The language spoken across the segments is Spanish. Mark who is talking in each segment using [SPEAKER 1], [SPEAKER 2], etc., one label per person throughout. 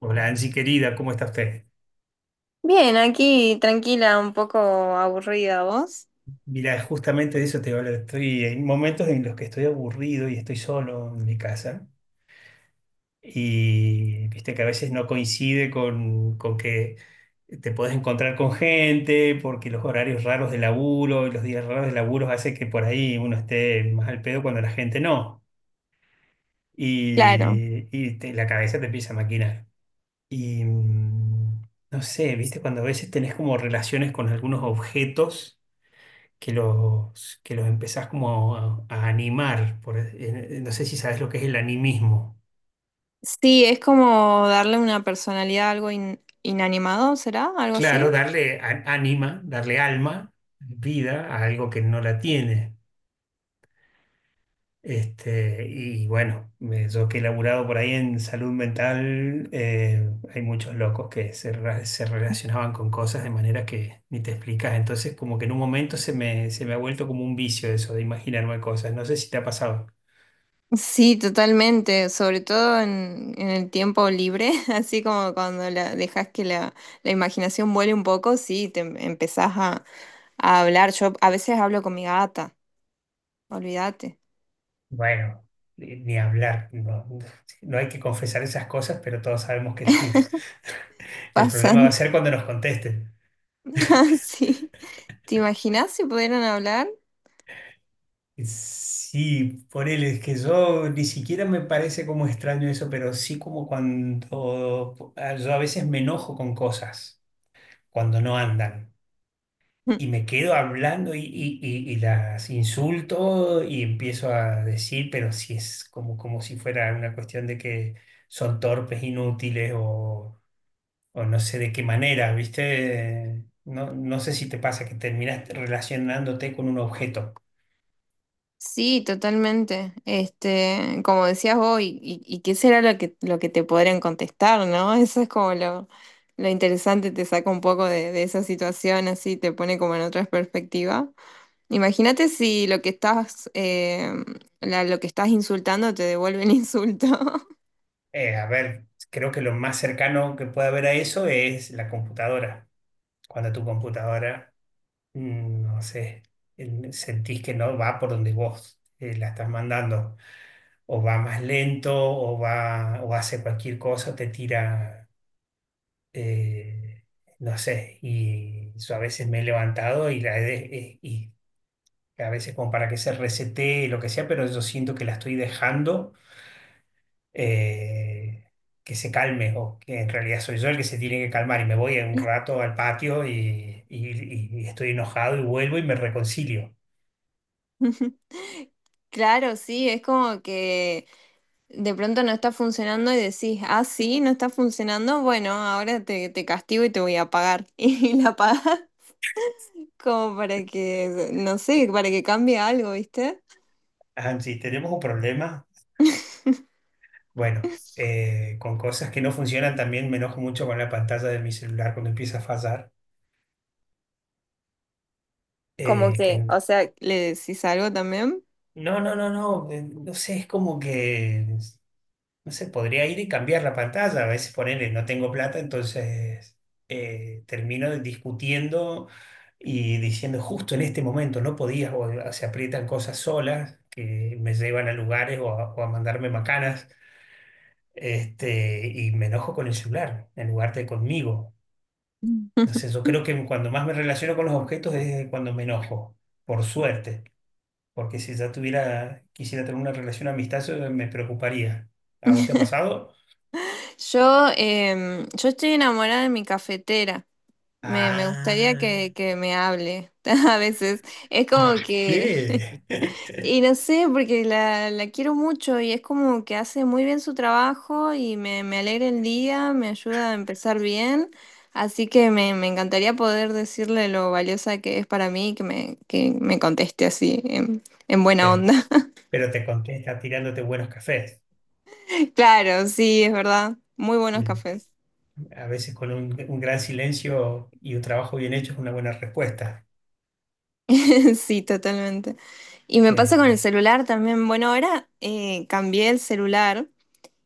[SPEAKER 1] Hola Angie querida, ¿cómo está usted?
[SPEAKER 2] Bien, aquí tranquila, un poco aburrida, ¿vos?
[SPEAKER 1] Mira, justamente de eso te voy a hablar. Estoy en momentos en los que estoy aburrido y estoy solo en mi casa. Y viste que a veces no coincide con que te puedes encontrar con gente, porque los horarios raros de laburo y los días raros de laburo hace que por ahí uno esté más al pedo cuando la gente no.
[SPEAKER 2] Claro,
[SPEAKER 1] La cabeza te empieza a maquinar. Y mm, no sé, viste, cuando a veces tenés como relaciones con algunos objetos que los empezás como a animar. No sé si sabes lo que es el animismo.
[SPEAKER 2] sí, es como darle una personalidad a algo inanimado, ¿será? ¿Algo
[SPEAKER 1] Claro,
[SPEAKER 2] así?
[SPEAKER 1] darle ánima, darle alma, vida a algo que no la tiene. Este, y bueno, yo que he laburado por ahí en salud mental, hay muchos locos que se relacionaban con cosas de manera que ni te explicas. Entonces, como que en un momento se me ha vuelto como un vicio eso de imaginarme cosas. No sé si te ha pasado.
[SPEAKER 2] Sí, totalmente, sobre todo en el tiempo libre, así como cuando dejas que la imaginación vuele un poco, sí, empezás a hablar. Yo a veces hablo con mi gata, olvídate,
[SPEAKER 1] Bueno, ni hablar, no, no hay que confesar esas cosas, pero todos sabemos que sí. El
[SPEAKER 2] pasan
[SPEAKER 1] problema va a ser cuando nos contesten.
[SPEAKER 2] así. ¿Te imaginas si pudieran hablar?
[SPEAKER 1] Sí, por él es que yo ni siquiera me parece como extraño eso, pero sí como cuando ah, yo a veces me enojo con cosas cuando no andan y me quedo hablando y las insulto y empiezo a decir, pero si es como, como si fuera una cuestión de que son torpes, inútiles o no sé de qué manera, ¿viste? No, no sé si te pasa que terminas relacionándote con un objeto.
[SPEAKER 2] Sí, totalmente. Este, como decías vos, y qué será lo que te podrían contestar, ¿no? Eso es como lo interesante, te saca un poco de esa situación, así te pone como en otra perspectiva. Imagínate si lo que estás, lo que estás insultando te devuelve el insulto.
[SPEAKER 1] A ver, creo que lo más cercano que puede haber a eso es la computadora. Cuando tu computadora, no sé, sentís que no va por donde vos la estás mandando, o va más lento, o va, o hace cualquier cosa, te tira, eh, no sé. Y yo a veces me he levantado y la he, y a veces como para que se resete lo que sea, pero yo siento que la estoy dejando, eh, que se calme, o que en realidad soy yo el que se tiene que calmar y me voy un rato al patio y estoy enojado y vuelvo y me reconcilio.
[SPEAKER 2] Claro, sí, es como que de pronto no está funcionando y decís, ah, sí, no está funcionando, bueno, ahora te castigo y te voy a pagar. Y la pagas. Como para que, no sé, para que cambie algo, ¿viste?
[SPEAKER 1] Angie, tenemos un problema. Bueno, con cosas que no funcionan también me enojo mucho con la pantalla de mi celular cuando empieza a fallar.
[SPEAKER 2] Como
[SPEAKER 1] eh, que
[SPEAKER 2] que,
[SPEAKER 1] n-
[SPEAKER 2] o sea, ¿le decís algo también?
[SPEAKER 1] no, no, no, no, no sé, es como que. No sé, podría ir y cambiar la pantalla. A veces ponerle no tengo plata, entonces termino discutiendo y diciendo justo en este momento no podías, o se aprietan cosas solas que me llevan a lugares o a mandarme macanas. Este, y me enojo con el celular en lugar de conmigo.
[SPEAKER 2] Mm.
[SPEAKER 1] No sé, yo creo que cuando más me relaciono con los objetos es cuando me enojo, por suerte, porque si ya tuviera, quisiera tener una relación amistosa, me preocuparía. ¿A vos te ha pasado?
[SPEAKER 2] Yo, yo estoy enamorada de mi cafetera. Me gustaría
[SPEAKER 1] Ah,
[SPEAKER 2] que me hable a veces. Es como que.
[SPEAKER 1] ¿qué?
[SPEAKER 2] Y no sé, porque la quiero mucho y es como que hace muy bien su trabajo y me alegra el día, me ayuda a empezar bien. Así que me encantaría poder decirle lo valiosa que es para mí y que que me conteste así, en buena
[SPEAKER 1] Pero,
[SPEAKER 2] onda.
[SPEAKER 1] pero te contesta tirándote buenos cafés.
[SPEAKER 2] Claro, sí, es verdad. Muy buenos
[SPEAKER 1] El-
[SPEAKER 2] cafés.
[SPEAKER 1] A veces con un gran silencio y un trabajo bien hecho es una buena respuesta.
[SPEAKER 2] Sí, totalmente. Y me pasa
[SPEAKER 1] Eh,
[SPEAKER 2] con el celular también. Bueno, ahora cambié el celular.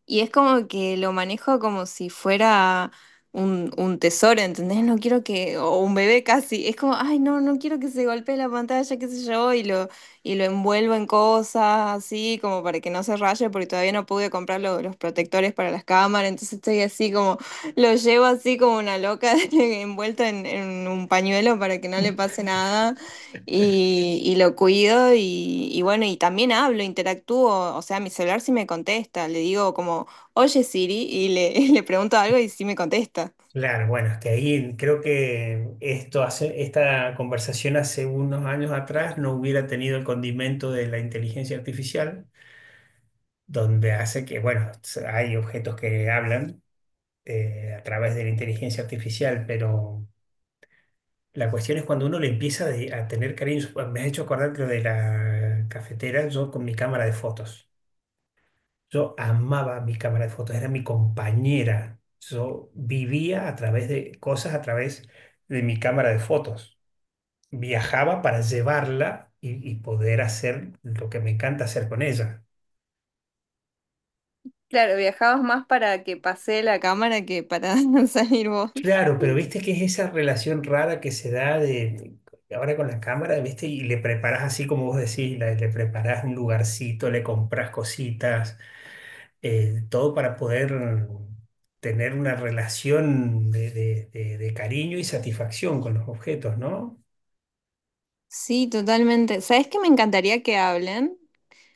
[SPEAKER 2] Y es como que lo manejo como si fuera un tesoro, ¿entendés? No quiero que, o un bebé casi, es como, ay, no, no quiero que se golpee la pantalla, qué sé yo, y lo envuelvo en cosas así, como para que no se raye, porque todavía no pude comprar los protectores para las cámaras, entonces estoy así como, lo llevo así como una loca, envuelta en un pañuelo para que no le pase nada. Y lo cuido y bueno, y también hablo, interactúo, o sea, mi celular sí me contesta, le digo como, oye Siri, y le pregunto algo y sí me contesta.
[SPEAKER 1] claro, bueno, es que ahí creo que esto hace, esta conversación hace unos años atrás no hubiera tenido el condimento de la inteligencia artificial, donde hace que, bueno, hay objetos que hablan, a través de la inteligencia artificial, pero... La cuestión es cuando uno le empieza a tener cariño. Me has hecho acordar lo de la cafetera, yo con mi cámara de fotos. Yo amaba mi cámara de fotos, era mi compañera. Yo vivía a través de cosas, a través de mi cámara de fotos. Viajaba para llevarla y poder hacer lo que me encanta hacer con ella.
[SPEAKER 2] Claro, viajabas más para que pase la cámara que para salir vos.
[SPEAKER 1] Claro, pero viste que es esa relación rara que se da de ahora con la cámara, viste, y le preparás así como vos decís, le preparás un lugarcito, le comprás cositas, todo para poder tener una relación de cariño y satisfacción con los objetos, ¿no?
[SPEAKER 2] Sí, totalmente. ¿Sabes qué me encantaría que hablen?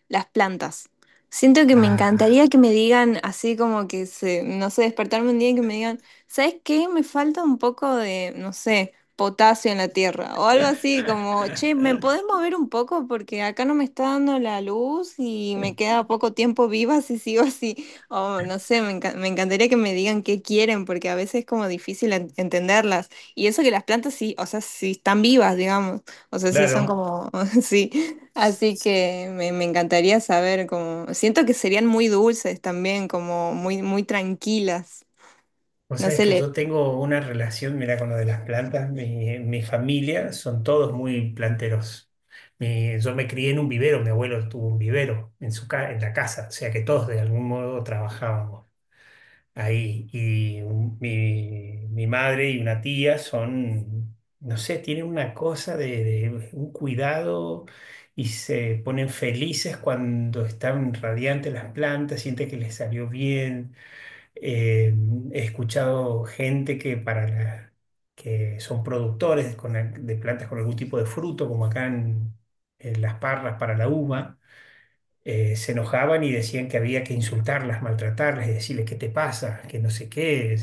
[SPEAKER 2] Las plantas. Siento que me
[SPEAKER 1] Ah,
[SPEAKER 2] encantaría que me digan así como que se, no sé, despertarme un día y que me digan, ¿sabes qué? Me falta un poco de, no sé, potasio en la tierra o algo así como, che, ¿me podés mover un poco? Porque acá no me está dando la luz y me queda poco tiempo viva si sigo así. O no sé, me encantaría que me digan qué quieren porque a veces es como difícil entenderlas. Y eso que las plantas sí, o sea, sí están vivas, digamos. O sea, sí son
[SPEAKER 1] claro.
[SPEAKER 2] como, sí. Así que me encantaría saber cómo. Siento que serían muy dulces también, como muy, muy tranquilas.
[SPEAKER 1] O
[SPEAKER 2] No
[SPEAKER 1] sea, es
[SPEAKER 2] sé,
[SPEAKER 1] que
[SPEAKER 2] le...
[SPEAKER 1] yo tengo una relación, mira, con lo de las plantas. Mi familia son todos muy planteros. Yo me crié en un vivero, mi abuelo tuvo un vivero en su en la casa, o sea que todos de algún modo trabajábamos ahí. Mi madre y una tía son, no sé, tienen una cosa de un cuidado, y se ponen felices cuando están radiantes las plantas, sienten que les salió bien. Eh, he escuchado gente que son productores de plantas con algún tipo de fruto, como acá en Las Parras para la uva. Se enojaban y decían que había que insultarlas, maltratarlas y decirles qué te pasa, que no sé qué,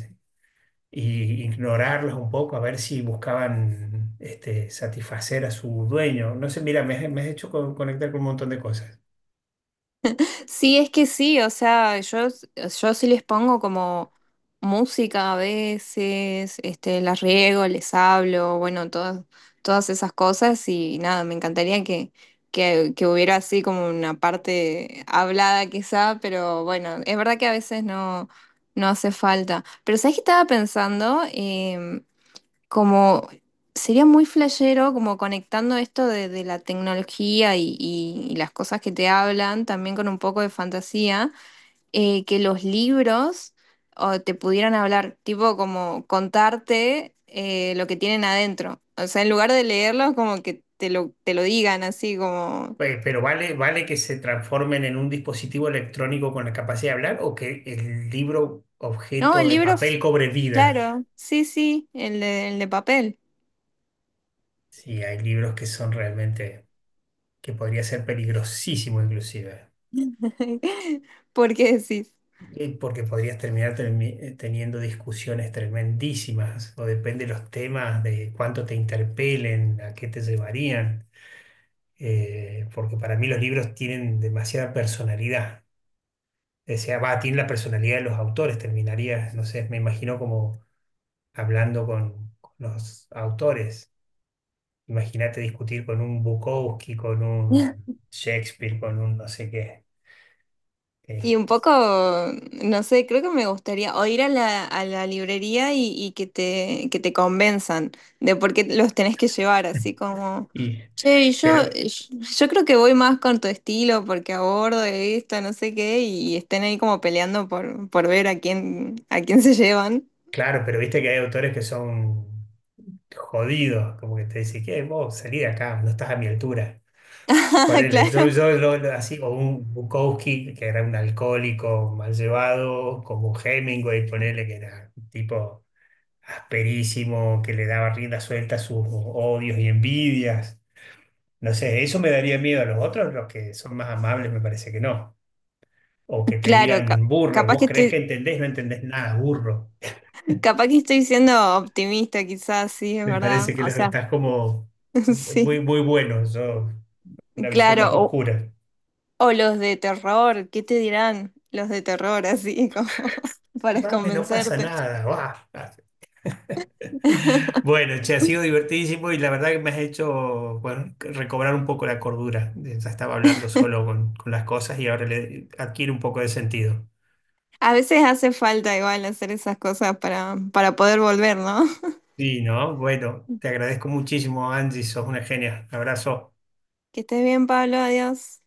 [SPEAKER 1] y ignorarlas un poco a ver si buscaban, este, satisfacer a su dueño. No sé, mira, me has hecho conectar con un montón de cosas.
[SPEAKER 2] Sí, es que sí, o sea, yo sí les pongo como música a veces, este, las riego, les hablo, bueno, todas, todas esas cosas y nada, me encantaría que hubiera así como una parte hablada quizá, pero bueno, es verdad que a veces no, no hace falta. Pero ¿sabes qué estaba pensando? Como sería muy flashero, como conectando esto de la tecnología y las cosas que te hablan, también con un poco de fantasía, que los libros o, te pudieran hablar, tipo como contarte lo que tienen adentro. O sea, en lugar de leerlos, como que te lo digan así, como,
[SPEAKER 1] Pero vale, vale que se transformen en un dispositivo electrónico con la capacidad de hablar, o que el libro
[SPEAKER 2] no,
[SPEAKER 1] objeto
[SPEAKER 2] el
[SPEAKER 1] de
[SPEAKER 2] libro,
[SPEAKER 1] papel cobre vida.
[SPEAKER 2] claro, sí, sí, el de papel.
[SPEAKER 1] Sí, hay libros que son realmente, que podría ser peligrosísimo inclusive.
[SPEAKER 2] ¿Por qué decís?
[SPEAKER 1] Porque podrías teniendo discusiones tremendísimas, o depende de los temas, de cuánto te interpelen, a qué te llevarían. Porque para mí los libros tienen demasiada personalidad. O sea, va, tienen la personalidad de los autores. Terminaría, no sé, me imagino como hablando con los autores. Imagínate discutir con un Bukowski, con un Shakespeare, con un no sé qué.
[SPEAKER 2] Y un
[SPEAKER 1] Eh,
[SPEAKER 2] poco, no sé, creo que me gustaría o ir a a la librería y que que te convenzan de por qué los tenés que llevar, así como,
[SPEAKER 1] y,
[SPEAKER 2] che, y yo,
[SPEAKER 1] pero,
[SPEAKER 2] yo creo que voy más con tu estilo porque abordo esto, no sé qué, y estén ahí como peleando por ver a quién se llevan.
[SPEAKER 1] claro, pero viste que hay autores que son jodido, como que te dice, ¿qué? Vos salí de acá, no estás a mi altura. Ponele, yo,
[SPEAKER 2] Claro,
[SPEAKER 1] yo lo- lo- así, o un Bukowski, que era un alcohólico mal llevado, como Hemingway, ponele, que era un tipo asperísimo, que le daba rienda suelta a sus odios y envidias. No sé, eso me daría miedo. A los otros, los que son más amables, me parece que no. O que te
[SPEAKER 2] claro,
[SPEAKER 1] digan burro,
[SPEAKER 2] capaz
[SPEAKER 1] vos
[SPEAKER 2] que
[SPEAKER 1] creés
[SPEAKER 2] estoy,
[SPEAKER 1] que entendés, no entendés nada, burro.
[SPEAKER 2] capaz que estoy siendo optimista, quizás, sí, es
[SPEAKER 1] Me
[SPEAKER 2] verdad.
[SPEAKER 1] parece que
[SPEAKER 2] O
[SPEAKER 1] los
[SPEAKER 2] sea,
[SPEAKER 1] estás como muy,
[SPEAKER 2] sí.
[SPEAKER 1] muy buenos. Yo, una visión más
[SPEAKER 2] Claro,
[SPEAKER 1] oscura.
[SPEAKER 2] o los de terror, ¿qué te dirán los de terror así como
[SPEAKER 1] Y,
[SPEAKER 2] para
[SPEAKER 1] Mame, no pasa
[SPEAKER 2] convencerte?
[SPEAKER 1] nada, va. Bueno, che, ha sido divertidísimo y la verdad que me has hecho, bueno, recobrar un poco la cordura. Ya estaba hablando solo con las cosas y ahora le adquiere un poco de sentido.
[SPEAKER 2] A veces hace falta igual hacer esas cosas para poder volver, ¿no?
[SPEAKER 1] Sí, ¿no? Bueno, te agradezco muchísimo, Angie, sos una genia. Abrazo.
[SPEAKER 2] Que estés bien, Pablo, adiós.